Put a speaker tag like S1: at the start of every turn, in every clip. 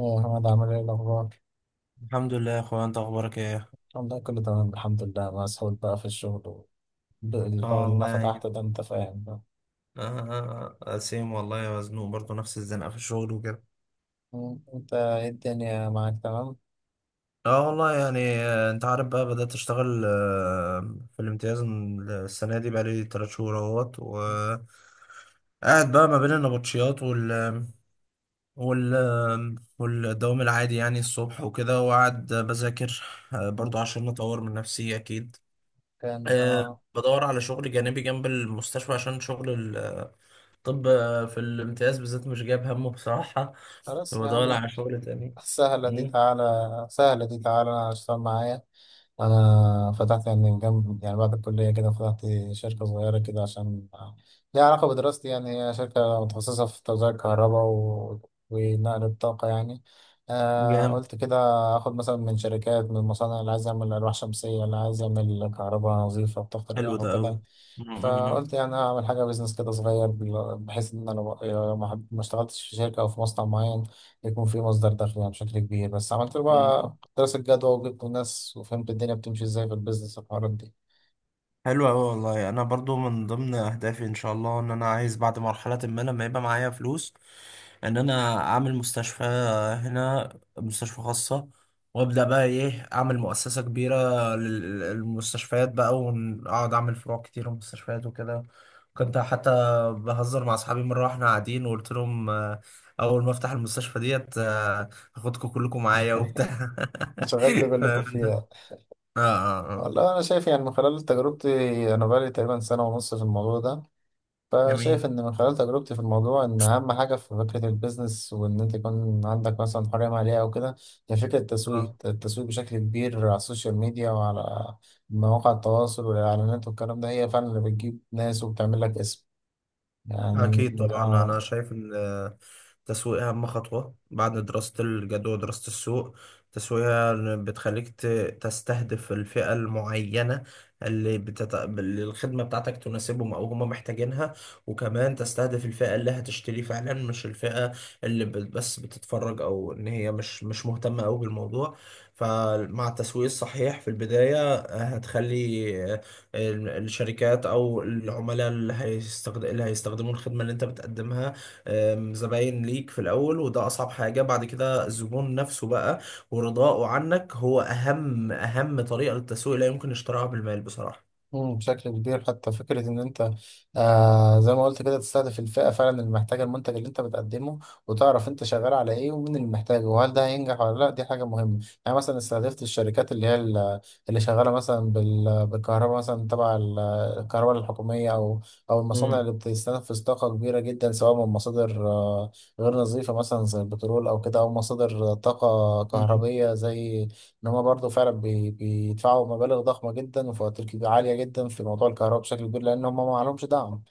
S1: يا أحمد عامل إيه الأخبار؟
S2: الحمد لله يا اخويا، انت اخبارك ايه؟
S1: والله كله تمام الحمد لله مسحول بقى في الشغل
S2: اه
S1: الحوار اللي أنا
S2: والله يعني.
S1: فتحته ده أنت فاهم بقى.
S2: آه آه، سيم والله مزنوق برضه نفس الزنقة في الشغل وكده.
S1: أنت إيه الدنيا معاك تمام؟
S2: اه والله يعني. انت عارف بقى، بدأت اشتغل في الامتياز السنة دي، بقالي تلات شهور اهوت و قاعد بقى ما بين النبطشيات وال والدوام العادي، يعني الصبح وكده، وقاعد بذاكر. برضو عشان اطور من نفسي اكيد.
S1: كانت
S2: آه،
S1: آه.
S2: بدور على شغل جانبي جنب المستشفى عشان شغل. طب في الامتياز بالذات مش جايب همه بصراحة.
S1: خلاص يا
S2: هو دور
S1: عم.
S2: على شغل تاني.
S1: سهلة دي
S2: مم.
S1: تعالى. سهلة دي تعالى أنا اشتغل معايا. أنا فتحت يعني من جنب يعني بعد الكلية كده فتحت شركة صغيرة كده عشان ليها علاقة بدراستي، يعني هي شركة متخصصة في توزيع الكهرباء ونقل الطاقة يعني. آه
S2: جامد.
S1: قلت كده. آخد مثلا من شركات، من مصانع اللي عايز يعمل ألواح شمسية، اللي عايز يعمل كهرباء نظيفة بطاقة
S2: حلو
S1: رياح
S2: ده قوي.
S1: وكده. فقلت يعني اعمل حاجه بيزنس كده صغير بحيث ان انا يعني لو ما اشتغلتش في شركه او في مصنع معين يكون في مصدر دخل يعني بشكل كبير. بس عملت له بقى دراسه جدوى وجبت ناس وفهمت الدنيا بتمشي ازاي في البيزنس والحوارات دي.
S2: حلو أوي والله يعني، أنا برضو من ضمن أهدافي إن شاء الله، إن أنا عايز بعد مرحلة ما، لما يبقى معايا فلوس، إن أنا أعمل مستشفى هنا، مستشفى خاصة، وأبدأ بقى إيه، أعمل مؤسسة كبيرة للمستشفيات بقى، وأقعد أعمل فروع كتير ومستشفيات وكده. كنت حتى بهزر مع أصحابي مرة وإحنا قاعدين، وقلت لهم أول ما أفتح المستشفى ديت هاخدكم كلكم معايا وبتاع.
S1: شغال كلكم
S2: فاهم أنت؟
S1: فيها.
S2: آه آه آه.
S1: والله انا شايف يعني من خلال تجربتي، انا بقالي تقريبا سنه ونص في الموضوع ده، فشايف
S2: جميل.
S1: إن من خلال تجربتي في الموضوع إن أهم حاجة في فكرة البيزنس وإن أنت يكون عندك مثلا حرية مالية أو كده، هي فكرة التسويق،
S2: آه.
S1: التسويق بشكل كبير على السوشيال ميديا وعلى مواقع التواصل والإعلانات والكلام ده، هي فعلا اللي بتجيب ناس وبتعمل لك اسم يعني.
S2: أكيد طبعا. أنا
S1: آه.
S2: شايف إن التسويق أهم خطوة بعد دراسة الجدوى ودراسة السوق. التسويق هي اللي بتخليك تستهدف الفئة المعينة، اللي الخدمة بتاعتك تناسبهم أو هم محتاجينها. وكمان تستهدف الفئة اللي هتشتري فعلا، مش الفئة بس بتتفرج، أو إن هي مش مهتمة أوي بالموضوع. فمع التسويق الصحيح في البداية هتخلي الشركات او العملاء اللي هيستخدموا الخدمه اللي انت بتقدمها، زباين ليك في الاول. وده اصعب حاجه. بعد كده الزبون نفسه بقى ورضاؤه عنك هو اهم طريقه للتسويق، لا يمكن اشتراها بالمال بصراحه.
S1: بشكل كبير. حتى فكرة إن أنت آه زي ما قلت كده تستهدف الفئة فعلا اللي محتاجة المنتج اللي أنت بتقدمه، وتعرف أنت شغال على إيه ومين اللي محتاجه وهل ده هينجح ولا لأ، دي حاجة مهمة. يعني مثلا استهدفت الشركات اللي هي اللي شغالة مثلا بالكهرباء مثلا تبع الكهرباء الحكومية، أو أو المصانع
S2: مم.
S1: اللي بتستنفذ طاقة كبيرة جدا سواء من مصادر آه غير نظيفة مثلا زي البترول أو كده، أو مصادر طاقة
S2: مم.
S1: كهربية، زي ان هم برضه فعلا بيدفعوا مبالغ ضخمه جدا وفواتير عاليه جدا في موضوع الكهرباء بشكل كبير لان هم ما عليهمش دعم.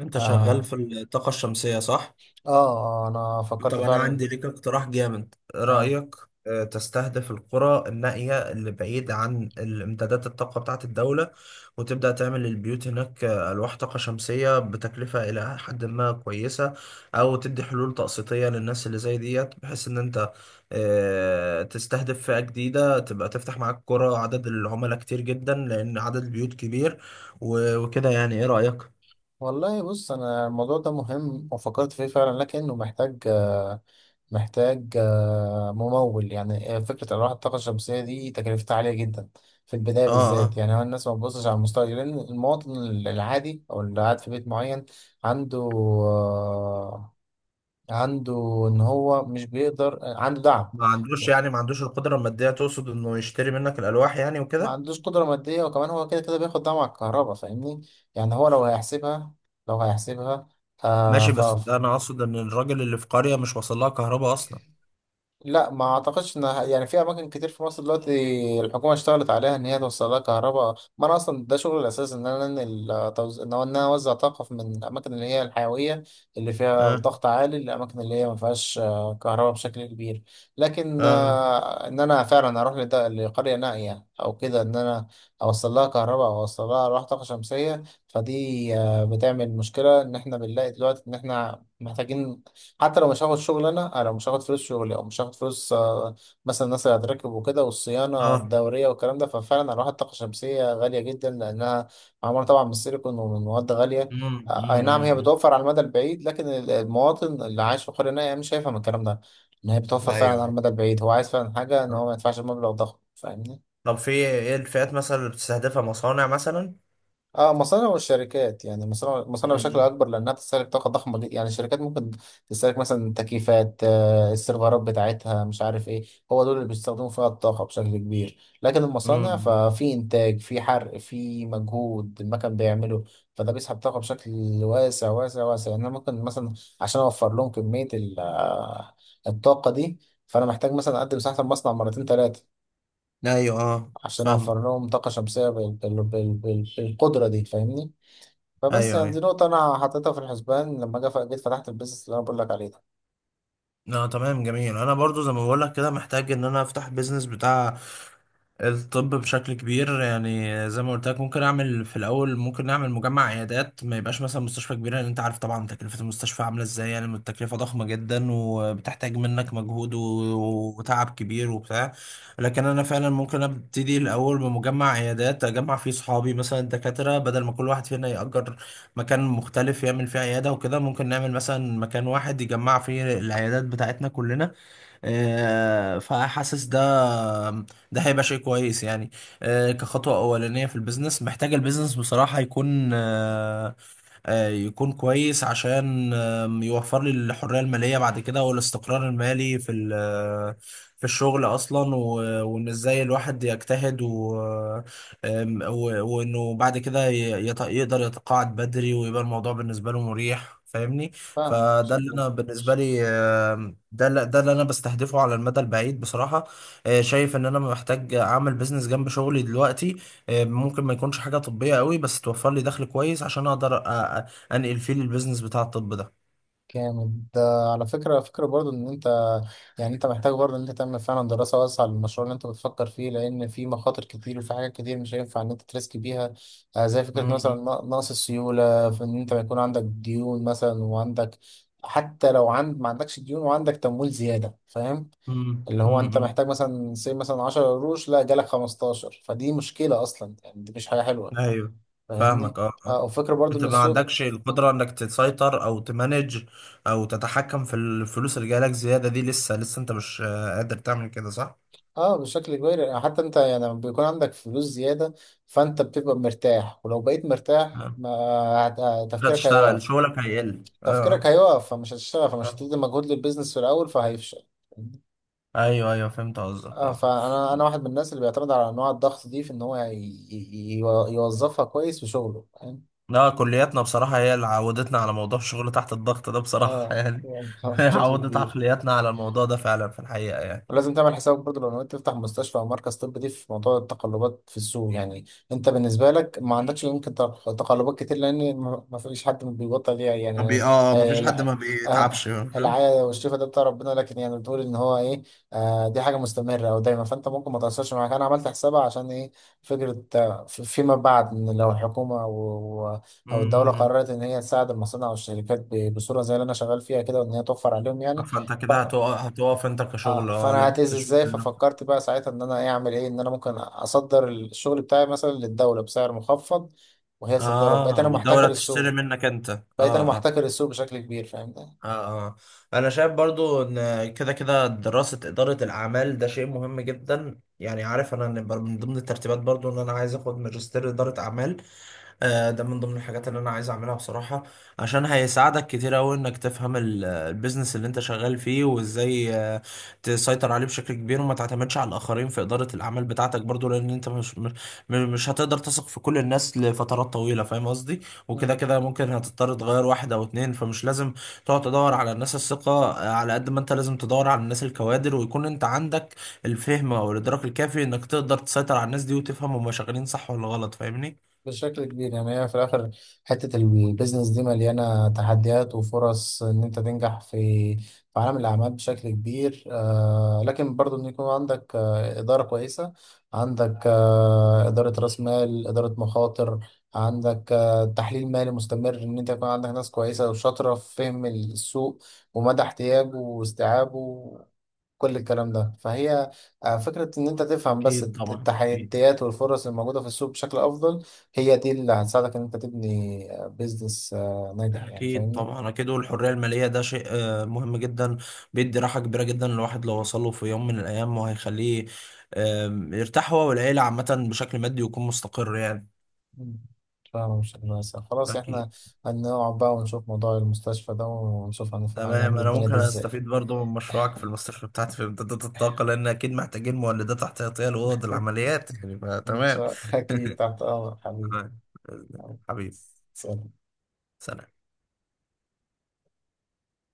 S2: انت شغال
S1: آه,
S2: في الطاقه الشمسيه، صح؟
S1: اه. انا فكرت
S2: طب أنا
S1: فعلا
S2: عندي ليك اقتراح جامد، إيه
S1: آه.
S2: رأيك؟ تستهدف القرى النائية اللي بعيد عن الامدادات الطاقة بتاعة الدولة، وتبدأ تعمل للبيوت هناك ألواح طاقة شمسية بتكلفة إلى حد ما كويسة. أو تدي حلول تقسيطية للناس اللي زي ديت، بحيث إن أنت تستهدف فئة جديدة، تبقى تفتح معاك قرى، عدد العملاء كتير جدا لأن عدد البيوت كبير. وكده، يعني إيه رأيك؟
S1: والله بص انا الموضوع ده مهم وفكرت فيه فعلا، لكنه محتاج آه، محتاج آه ممول يعني. فكره الواح الطاقه الشمسيه دي تكلفتها عاليه جدا في البدايه
S2: آه
S1: بالذات.
S2: آه.
S1: يعني هو الناس ما بتبصش على المستقبل، لان المواطن العادي او اللي قاعد في بيت معين عنده عنده ان هو مش بيقدر، عنده دعم
S2: ما عندوش،
S1: يعني.
S2: يعني ما عندوش القدرة المادية، تقصد انه يشتري منك الألواح يعني
S1: ما
S2: وكده.
S1: عندوش قدرة مادية، وكمان هو كده كده بياخد دعم على الكهرباء فاهمني. يعني هو لو هيحسبها، لو هيحسبها آه.
S2: ماشي. بس ده انا اقصد ان الراجل اللي في قرية مش واصل لها كهرباء اصلا.
S1: لا ما اعتقدش ان يعني في اماكن كتير في مصر دلوقتي الحكومه اشتغلت عليها ان هي توصل لها كهرباء. ما انا اصلا ده شغل الاساس، ان انا انقل ان إن انا اوزع طاقه من الاماكن اللي هي الحيويه، اللي فيها
S2: اه
S1: ضغط عالي، للاماكن اللي هي ما فيهاش آه، كهرباء بشكل كبير. لكن
S2: اه
S1: آه، ان انا فعلا اروح لقريه نائيه او كده، ان انا اوصل لها كهرباء او اوصل لها أرواح طاقه شمسيه، فدي آه، بتعمل مشكله ان احنا بنلاقي دلوقتي ان احنا محتاجين حتى لو مش هاخد شغل. انا مش هاخد فلوس شغلي، او مش هاخد فلوس آه، مثلا الناس اللي هتركب وكده والصيانه
S2: اه.
S1: الدوريه والكلام ده. ففعلا هروح الطاقه الشمسيه غاليه جدا لانها معموله طبعا من السيليكون ومن مواد غاليه.
S2: مم،
S1: اي
S2: مم،
S1: نعم هي
S2: مم.
S1: بتوفر على المدى البعيد، لكن المواطن اللي عايش في قريه نائيه يعني مش هيفهم الكلام ده، ان هي بتوفر
S2: ايوه
S1: فعلا على
S2: أيوة.
S1: المدى البعيد. هو عايز فعلا حاجه ان
S2: آه.
S1: هو ما يدفعش مبلغ ضخم فاهمني.
S2: طب في ايه الفئات مثلا اللي بتستهدفها، مصانع مثلا؟
S1: اه مصانع والشركات. يعني مصانع، مصانع بشكل
S2: مم.
S1: اكبر لانها تستهلك طاقه ضخمه جدا. يعني الشركات ممكن تستهلك مثلا تكييفات آه، السيرفرات بتاعتها مش عارف ايه، هو دول اللي بيستخدموا فيها الطاقه بشكل كبير. لكن المصانع
S2: مم.
S1: ففي انتاج، في حرق، في مجهود المكن بيعمله، فده بيسحب طاقه بشكل واسع واسع واسع. يعني أنا ممكن مثلا عشان اوفر لهم كميه الطاقه دي، فانا محتاج مثلا اقدم مساحه المصنع مرتين ثلاثه
S2: ايوه، اه
S1: عشان
S2: فاهمك.
S1: اوفر لهم طاقه شمسيه بالقدره دي فاهمني. فبس
S2: ايوه
S1: يعني دي
S2: ايوه.
S1: نقطة أنا حطيتها في الحسبان لما جيت فتحت البيزنس اللي أنا بقول لك عليه ده.
S2: لا تمام جميل. انا برضو زي ما بقول لك كده، محتاج ان انا افتح بيزنس بتاع الطب بشكل كبير، يعني زي ما قلت لك، ممكن اعمل في الاول، ممكن نعمل مجمع عيادات. ما يبقاش مثلا مستشفى كبيره، لان انت عارف طبعا تكلفه المستشفى عامله ازاي، يعني التكلفه ضخمه جدا وبتحتاج منك مجهود وتعب كبير وبتاع. لكن انا فعلا ممكن ابتدي الاول بمجمع عيادات، اجمع فيه صحابي مثلا دكاتره، بدل ما كل واحد فينا يأجر مكان مختلف يعمل فيه عيادة وكده. ممكن نعمل مثلا مكان واحد يجمع فيه العيادات بتاعتنا كلنا. فحاسس ده، ده هيبقى شيء كويس يعني، كخطوة أولانية في البيزنس. محتاج البيزنس بصراحة يكون يكون كويس، عشان يوفر لي الحرية المالية بعد كده، والاستقرار المالي في في الشغل أصلا. وإن إزاي الواحد يجتهد و وإنه بعد كده يقدر يتقاعد بدري، ويبقى الموضوع بالنسبة له مريح، فاهمني؟
S1: فاهم
S2: فده اللي
S1: بشكل
S2: أنا بالنسبة
S1: مش.
S2: لي، ده اللي أنا بستهدفه على المدى البعيد بصراحة. شايف ان انا محتاج اعمل بيزنس جنب شغلي دلوقتي، ممكن ما يكونش حاجة طبية قوي، بس توفر لي دخل كويس عشان اقدر انقل فيه البيزنس بتاع الطب ده.
S1: جامد ده. على فكرة، فكرة برضو إن أنت، يعني أنت محتاج برضو إن أنت تعمل فعلا دراسة واسعة للمشروع اللي أنت بتفكر فيه، لأن في مخاطر كتير وفي حاجات كتير مش هينفع إن أنت تريسك بيها. آه، زي فكرة مثلا
S2: مم،
S1: نقص السيولة في إن أنت يكون عندك ديون مثلا، وعندك حتى لو عند، ما عندكش ديون وعندك تمويل زيادة فاهم.
S2: مم،
S1: اللي هو
S2: مم،
S1: انت
S2: مم.
S1: محتاج مثلا سي مثلا 10 قروش لا جالك 15، فدي مشكلة اصلا، يعني دي مش حاجة حلوة
S2: ايوه
S1: فاهمني.
S2: فاهمك. اه آه.
S1: اه وفكرة برضو
S2: انت
S1: ان
S2: ما
S1: السوق
S2: عندكش القدرة انك تسيطر او تمانج او تتحكم في الفلوس اللي جايلك زيادة دي، لسه لسه انت مش قادر تعمل كده، صح؟
S1: اه بشكل كبير. يعني حتى انت يعني لما بيكون عندك فلوس زيادة، فانت بتبقى مرتاح، ولو بقيت مرتاح
S2: آه.
S1: ما
S2: مش
S1: تفكيرك
S2: هتشتغل،
S1: هيقف.
S2: شغلك هيقل،
S1: تفكيرك
S2: اه.
S1: هيقف فمش هتشتغل، فمش
S2: آه.
S1: هتدي مجهود للبيزنس في الاول فهيفشل.
S2: ايوه ايوه فهمت قصدك
S1: اه
S2: اه.
S1: فانا انا واحد من الناس اللي بيعتمد على انواع الضغط دي في ان هو يوظفها كويس في شغله فاهم.
S2: لا، كلياتنا بصراحة هي اللي عودتنا على موضوع الشغل تحت الضغط ده بصراحة
S1: اه
S2: يعني.
S1: يعني
S2: هي
S1: بشكل
S2: عودت
S1: كبير.
S2: عقلياتنا على الموضوع ده فعلا في الحقيقة يعني.
S1: ولازم تعمل حسابك برضه لو نويت تفتح مستشفى او مركز طبي، دي في موضوع التقلبات في السوق. يعني انت بالنسبه لك ما عندكش يمكن تقلبات كتير، لان ما فيش حد بيبطل ليها
S2: ما
S1: يعني.
S2: بي اه ما
S1: آه،
S2: فيش حد
S1: الع-
S2: ما
S1: آه،
S2: بيتعبش، فاهم؟
S1: العيادة والشفاء ده بتاع ربنا، لكن يعني بتقول ان هو ايه، آه دي حاجه مستمره او دايما. فانت ممكن ما تاثرش، معاك انا عملت حسابها عشان ايه. فكره آه، فيما بعد ان لو الحكومه او او الدوله
S2: امم
S1: قررت ان هي تساعد المصانع والشركات بصوره زي اللي انا شغال فيها كده، وان هي توفر عليهم يعني.
S2: فانت كده هتقف هتقف انت كشغل،
S1: اه
S2: اه،
S1: فانا
S2: لازم
S1: هتأذي
S2: تشوف
S1: ازاي.
S2: لنفسك.
S1: ففكرت بقى ساعتها ان انا ايه اعمل ايه، ان انا ممكن اصدر الشغل بتاعي مثلا للدوله بسعر مخفض وهي تصدره، بقيت
S2: اه،
S1: انا
S2: والدولة
S1: محتكر
S2: تشتري
S1: السوق.
S2: منك انت، اه
S1: بقيت انا
S2: اه.
S1: محتكر السوق بشكل كبير فاهم
S2: اه اه. انا شايف برضو ان كده كده دراسة إدارة الأعمال ده شيء مهم جدا يعني. عارف انا إن من ضمن الترتيبات برضو ان انا عايز اخد ماجستير إدارة أعمال. ده من ضمن الحاجات اللي انا عايز اعملها بصراحة، عشان هيساعدك كتير اوي انك تفهم البيزنس اللي انت شغال فيه، وازاي تسيطر عليه بشكل كبير، وما تعتمدش على الاخرين في ادارة الاعمال بتاعتك برضو، لان انت مش مش هتقدر تثق في كل الناس لفترات طويلة، فاهم قصدي؟ وكده
S1: ده.
S2: كده ممكن هتضطر تغير واحد او اتنين، فمش لازم تقعد تدور على الناس الثقة، على قد ما انت لازم تدور على الناس الكوادر. ويكون انت عندك الفهم او الادراك الكافي انك تقدر تسيطر على الناس دي، وتفهم هما شغالين صح ولا غلط، فاهمني؟
S1: بشكل كبير يعني هي في الآخر، حتة البيزنس دي مليانة تحديات وفرص إن أنت تنجح في في عالم الأعمال بشكل كبير آه. لكن برضو إن يكون عندك آه إدارة كويسة، عندك آه إدارة رأس مال، إدارة مخاطر، عندك آه تحليل مالي مستمر، إن أنت يكون عندك ناس كويسة وشاطرة في فهم السوق ومدى احتياجه واستيعابه، كل الكلام ده فهي آه، فكرة إن أنت تفهم بس
S2: أكيد طبعا أكيد.
S1: التحديات والفرص الموجودة في السوق بشكل أفضل. هي دي اللي هتساعدك إن أنت تبني بيزنس ناجح يعني
S2: أكيد
S1: فاهمني؟
S2: طبعا أكيد. والحرية المالية ده شيء مهم جدا، بيدي راحة كبيرة جدا الواحد لو وصله في يوم من الأيام، وهيخليه يرتاح هو والعيلة عامة بشكل مادي، ويكون مستقر يعني.
S1: مم. فاهم مش هندسة. خلاص
S2: أكيد.
S1: إحنا هنقعد بقى ونشوف موضوع المستشفى ده ونشوف
S2: تمام.
S1: هنعمل
S2: أنا
S1: الدنيا
S2: ممكن
S1: دي إزاي.
S2: أستفيد برضو من مشروعك في المستشفى بتاعتي في إمدادات الطاقة، لأن أكيد محتاجين مولدات احتياطية لأوض العمليات يعني،
S1: إن
S2: فتمام.
S1: شاء أكيد تحت أمرك حبيبي.
S2: تمام.
S1: حبيبي.
S2: حبيبي.
S1: سلام.
S2: سلام.